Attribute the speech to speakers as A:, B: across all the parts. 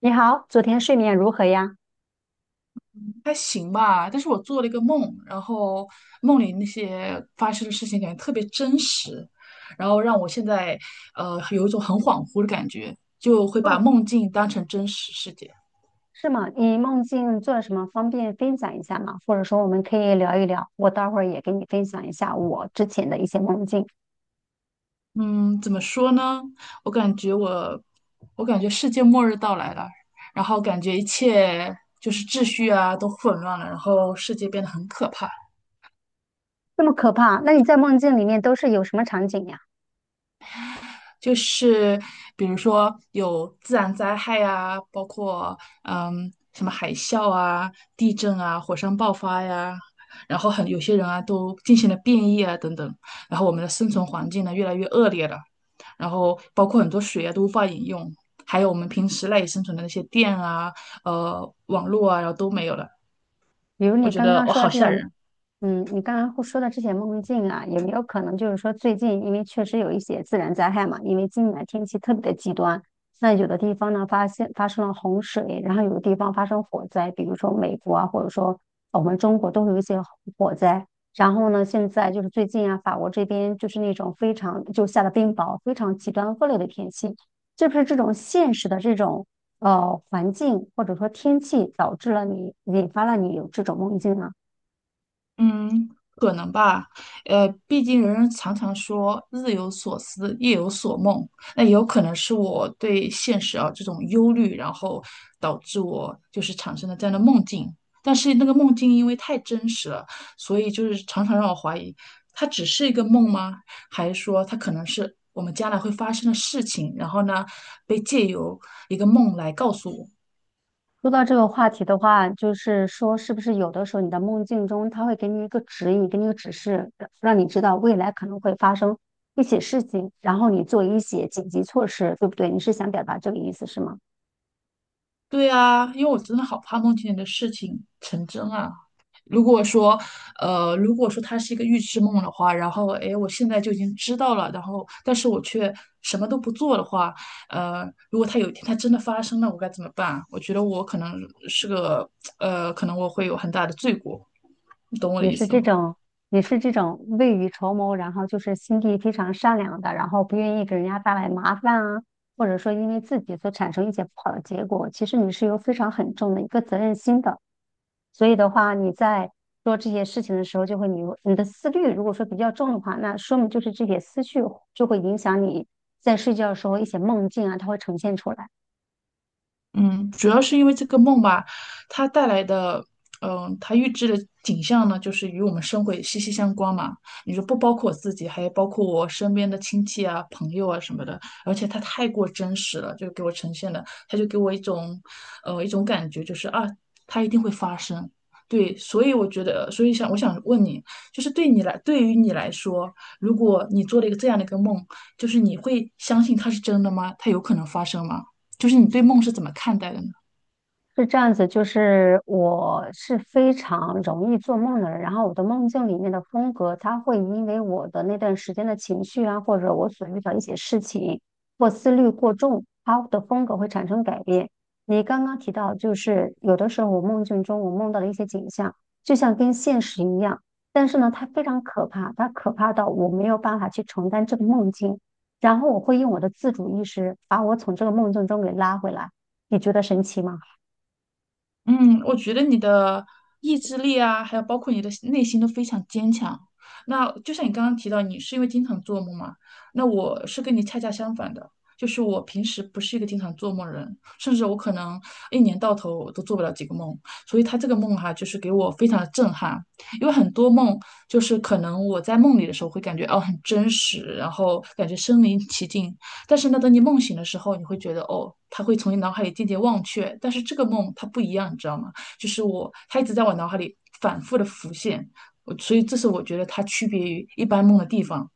A: 你好，昨天睡眠如何呀？
B: 还行吧，但是我做了一个梦，然后梦里那些发生的事情感觉特别真实，然后让我现在有一种很恍惚的感觉，就会
A: 哦，
B: 把梦境当成真实世界。
A: 是吗？你梦境做了什么？方便分享一下吗？或者说我们可以聊一聊，我待会儿也给你分享一下我之前的一些梦境。
B: 嗯，怎么说呢？我感觉我，我感觉世界末日到来了，然后感觉一切就是秩序啊都混乱了，然后世界变得很可怕。
A: 那么可怕，那你在梦境里面都是有什么场景呀？
B: 就是比如说有自然灾害啊，包括什么海啸啊、地震啊、火山爆发呀，然后很有些人啊都进行了变异啊等等，然后我们的生存环境呢越来越恶劣了，然后包括很多水啊都无法饮用，还有我们平时赖以生存的那些电啊、网络啊，然后都没有了，
A: 比如你
B: 我觉
A: 刚
B: 得
A: 刚
B: 我
A: 说
B: 好
A: 这
B: 吓
A: 些，
B: 人。
A: 嗯，你刚刚会说的这些梦境啊，有没有可能就是说最近因为确实有一些自然灾害嘛，因为今年天气特别的极端，那有的地方呢发生了洪水，然后有的地方发生火灾，比如说美国啊，或者说我们中国都会有一些火灾。然后呢，现在就是最近啊，法国这边就是那种非常就下了冰雹，非常极端恶劣的天气，是不是这种现实的这种？环境或者说天气导致了你引发了你有这种梦境呢？
B: 嗯，可能吧，毕竟人人常常说日有所思，夜有所梦，那也有可能是我对现实啊这种忧虑，然后导致我就是产生了这样的梦境。但是那个梦境因为太真实了，所以就是常常让我怀疑，它只是一个梦吗？还是说它可能是我们将来会发生的事情，然后呢，被借由一个梦来告诉我？
A: 说到这个话题的话，就是说是不是有的时候你的梦境中，它会给你一个指引，给你一个指示，让你知道未来可能会发生一些事情，然后你做一些紧急措施，对不对？你是想表达这个意思是吗？
B: 对啊，因为我真的好怕梦见你的事情成真啊。如果说，如果说它是一个预知梦的话，然后，哎，我现在就已经知道了，然后，但是我却什么都不做的话，如果它有一天它真的发生了，我该怎么办？我觉得我可能是个，可能我会有很大的罪过，你懂我的
A: 你
B: 意
A: 是
B: 思
A: 这
B: 吗？
A: 种，你是这种未雨绸缪，然后就是心地非常善良的，然后不愿意给人家带来麻烦啊，或者说因为自己所产生一些不好的结果，其实你是有非常很重的一个责任心的。所以的话，你在做这些事情的时候，就会你的思虑如果说比较重的话，那说明就是这些思绪就会影响你在睡觉的时候一些梦境啊，它会呈现出来。
B: 嗯，主要是因为这个梦吧，它带来的，嗯，它预知的景象呢，就是与我们生活也息息相关嘛。你说不包括我自己，还有包括我身边的亲戚啊、朋友啊什么的，而且它太过真实了，就给我呈现了，它就给我一种，一种感觉，就是啊，它一定会发生。对，所以我觉得，所以我想问你，就是对你来，对于你来说，如果你做了一个这样的一个梦，就是你会相信它是真的吗？它有可能发生吗？就是你对梦是怎么看待的呢？
A: 是这样子，就是我是非常容易做梦的人，然后我的梦境里面的风格，它会因为我的那段时间的情绪啊，或者我所遇到一些事情或思虑过重，它的风格会产生改变。你刚刚提到，就是有的时候我梦境中我梦到的一些景象，就像跟现实一样，但是呢，它非常可怕，它可怕到我没有办法去承担这个梦境，然后我会用我的自主意识把我从这个梦境中给拉回来，你觉得神奇吗？
B: 嗯，我觉得你的意志力啊，还有包括你的内心都非常坚强。那就像你刚刚提到，你是因为经常做梦嘛？那我是跟你恰恰相反的，就是我平时不是一个经常做梦的人，甚至我可能一年到头都做不了几个梦。所以他这个梦哈、就是给我非常的震撼，因为很多梦就是可能我在梦里的时候会感觉哦很真实，然后感觉身临其境，但是呢，等你梦醒的时候，你会觉得哦，它会从你脑海里渐渐忘却。但是这个梦它不一样，你知道吗？就是我，它一直在我脑海里反复的浮现，我所以这是我觉得它区别于一般梦的地方。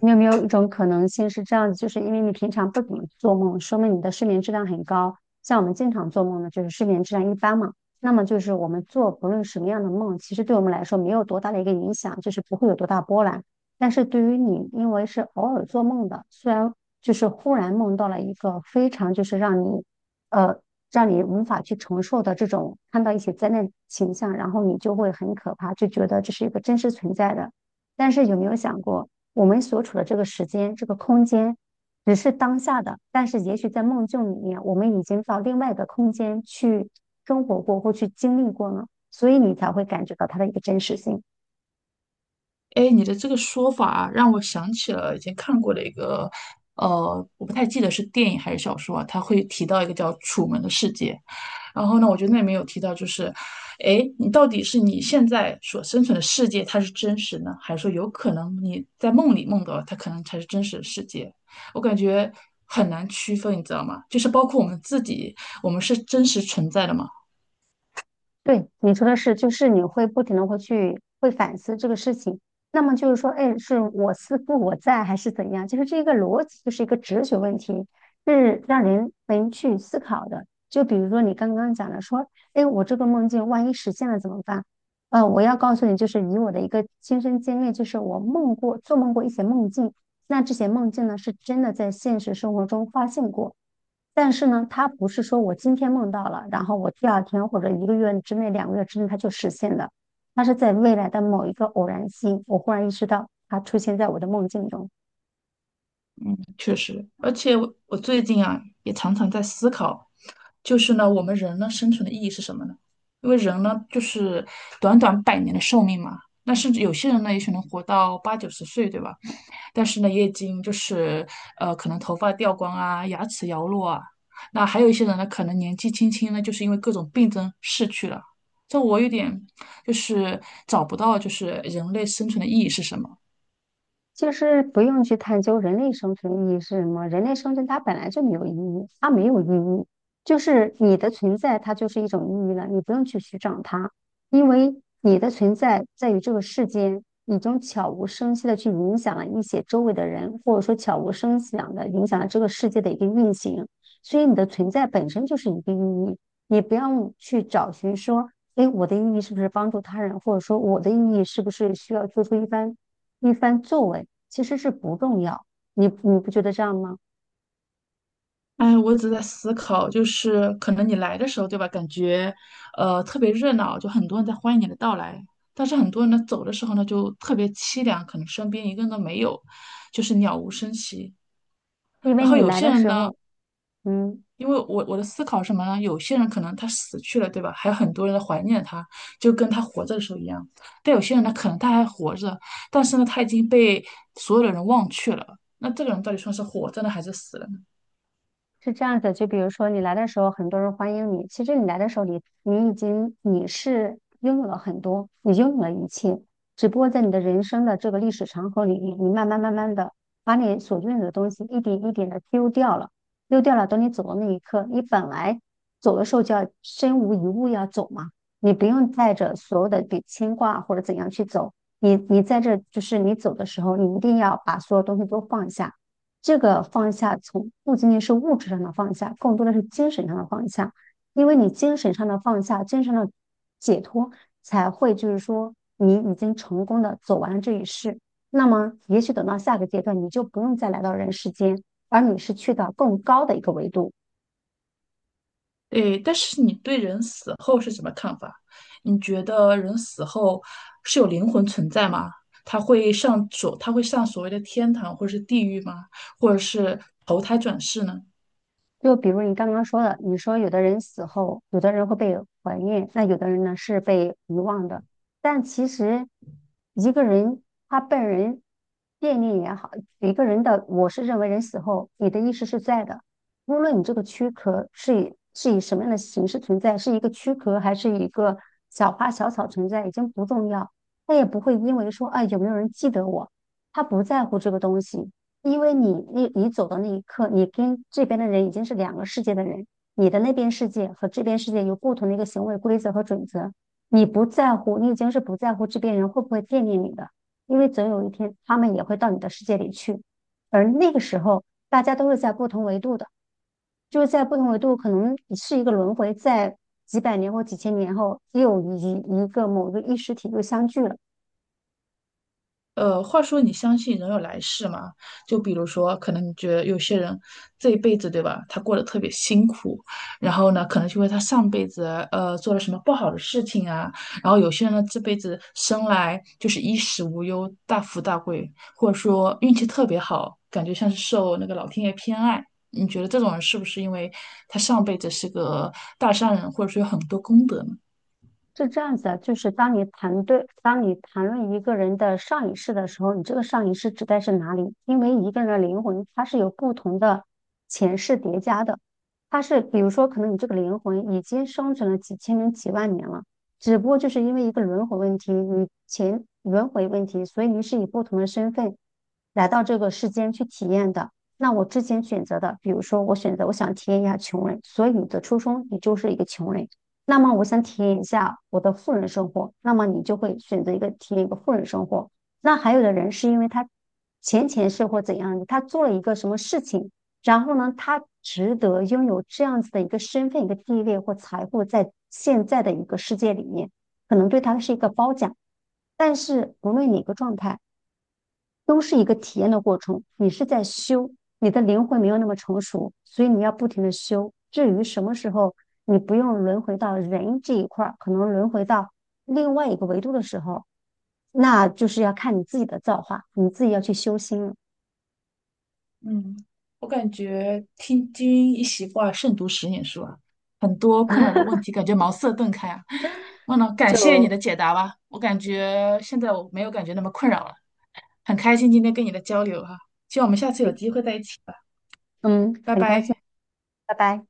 A: 你有没有一种可能性是这样子，就是因为你平常不怎么做梦，说明你的睡眠质量很高。像我们经常做梦呢，就是睡眠质量一般嘛。那么就是我们做不论什么样的梦，其实对我们来说没有多大的一个影响，就是不会有多大波澜。但是对于你，因为是偶尔做梦的，虽然就是忽然梦到了一个非常就是让你，呃，让你无法去承受的这种看到一些灾难形象，然后你就会很可怕，就觉得这是一个真实存在的。但是有没有想过？我们所处的这个时间、这个空间，只是当下的，但是也许在梦境里面，我们已经到另外一个空间去生活过或去经历过了，所以你才会感觉到它的一个真实性。
B: 哎，你的这个说法啊让我想起了以前看过的一个，我不太记得是电影还是小说啊，它会提到一个叫《楚门的世界》，然后呢，我觉得那里面有提到，就是，哎，你到底是你现在所生存的世界它是真实呢，还是说有可能你在梦里梦到了它可能才是真实的世界？我感觉很难区分，你知道吗？就是包括我们自己，我们是真实存在的吗？
A: 对，你说的是，就是你会不停的会去会反思这个事情，那么就是说，哎，是我思故我在还是怎样？就是这个逻辑，就是一个哲学问题，是让人能去思考的。就比如说你刚刚讲的，说，哎，我这个梦境万一实现了怎么办？我要告诉你，就是以我的一个亲身经历，就是我做梦过一些梦境，那这些梦境呢是真的在现实生活中发现过，但是呢，它不是说我今天梦到了，然后我第二天或者一个月之内、两个月之内它就实现的，它是在未来的某一个偶然性，我忽然意识到它出现在我的梦境中。
B: 确实，而且我最近啊，也常常在思考，就是呢，我们人呢生存的意义是什么呢？因为人呢，就是短短百年的寿命嘛。那甚至有些人呢，也许能活到八九十岁，对吧？但是呢，也已经就是可能头发掉光啊，牙齿摇落啊。那还有一些人呢，可能年纪轻轻呢，就是因为各种病症逝去了。这我有点就是找不到，就是人类生存的意义是什么。
A: 就是不用去探究人类生存意义是什么，人类生存它本来就没有意义，它没有意义，就是你的存在它就是一种意义了，你不用去寻找它，因为你的存在在于这个世间，已经悄无声息的去影响了一些周围的人，或者说悄无声息的影响了这个世界的一个运行，所以你的存在本身就是一个意义，你不要去找寻说，哎，我的意义是不是帮助他人，或者说我的意义是不是需要做出一番。一番作为，其实是不重要。你不觉得这样吗？
B: 哎，我一直在思考，就是可能你来的时候，对吧？感觉，特别热闹，就很多人在欢迎你的到来。但是很多人呢，走的时候呢，就特别凄凉，可能身边一个人都没有，就是鸟无声息。
A: 因为
B: 然后
A: 你
B: 有
A: 来
B: 些
A: 的
B: 人
A: 时
B: 呢，
A: 候，嗯。
B: 因为我的思考是什么呢？有些人可能他死去了，对吧？还有很多人在怀念他，就跟他活着的时候一样。但有些人呢，可能他还活着，但是呢，他已经被所有的人忘却了。那这个人到底算是活着呢，还是死了？
A: 是这样子，就比如说你来的时候，很多人欢迎你。其实你来的时候你已经是拥有了很多，你拥有了一切，只不过在你的人生的这个历史长河里，你慢慢的把你所拥有的东西一点一点的丢掉了，丢掉了。等你走的那一刻，你本来走的时候就要身无一物要走嘛，你不用带着所有的比牵挂或者怎样去走。你在这就是你走的时候，你一定要把所有东西都放下。这个放下从不仅仅是物质上的放下，更多的是精神上的放下，因为你精神上的放下，精神上的解脱，才会就是说你已经成功的走完了这一世。那么，也许等到下个阶段，你就不用再来到人世间，而你是去到更高的一个维度。
B: 对，但是你对人死后是什么看法？你觉得人死后是有灵魂存在吗？他会上所谓的天堂或者是地狱吗？或者是投胎转世呢？
A: 就比如你刚刚说的，你说有的人死后，有的人会被怀念，那有的人呢是被遗忘的。但其实，一个人他被人惦念也好，一个人的，我是认为人死后，你的意识是在的，无论你这个躯壳是以什么样的形式存在，是一个躯壳还是一个小花小草存在，已经不重要。他也不会因为说啊有没有人记得我，他不在乎这个东西。因为你走的那一刻，你跟这边的人已经是两个世界的人，你的那边世界和这边世界有不同的一个行为规则和准则。你不在乎，你已经是不在乎这边人会不会惦念你的，因为总有一天他们也会到你的世界里去。而那个时候，大家都是在不同维度的，就是在不同维度，可能是一个轮回，在几百年或几千年后，又一个某个意识体又相聚了。
B: 话说你相信人有来世吗？就比如说，可能你觉得有些人这一辈子，对吧？他过得特别辛苦，然后呢，可能就为他上辈子做了什么不好的事情啊。然后有些人呢，这辈子生来就是衣食无忧、大富大贵，或者说运气特别好，感觉像是受那个老天爷偏爱。你觉得这种人是不是因为他上辈子是个大善人，或者说有很多功德呢？
A: 是这样子的，就是当你谈论一个人的上一世的时候，你这个上一世指代是哪里？因为一个人的灵魂，它是有不同的前世叠加的。它是，比如说，可能你这个灵魂已经生存了几千年、几万年了，只不过就是因为一个轮回问题，你前轮回问题，所以你是以不同的身份来到这个世间去体验的。那我之前选择的，比如说我选择我想体验一下穷人，所以你的出生你就是一个穷人。那么我想体验一下我的富人生活，那么你就会选择一个体验一个富人生活。那还有的人是因为他前前世或怎样的，他做了一个什么事情，然后呢，他值得拥有这样子的一个身份、一个地位或财富，在现在的一个世界里面，可能对他是一个褒奖。但是无论哪个状态。都是一个体验的过程。你是在修，你的灵魂没有那么成熟，所以你要不停的修。至于什么时候你不用轮回到人这一块可能轮回到另外一个维度的时候，那就是要看你自己的造化，你自己要去修心了。
B: 嗯，我感觉听君一席话，胜读十年书啊，很多困扰的问题感觉茅塞顿开啊。忘了，感谢你
A: 就
B: 的解答吧，我感觉现在我没有感觉那么困扰了，很开心今天跟你的交流哈、希望我们下次有机会在一起吧，
A: 嗯，
B: 拜
A: 很开心，
B: 拜。
A: 拜拜。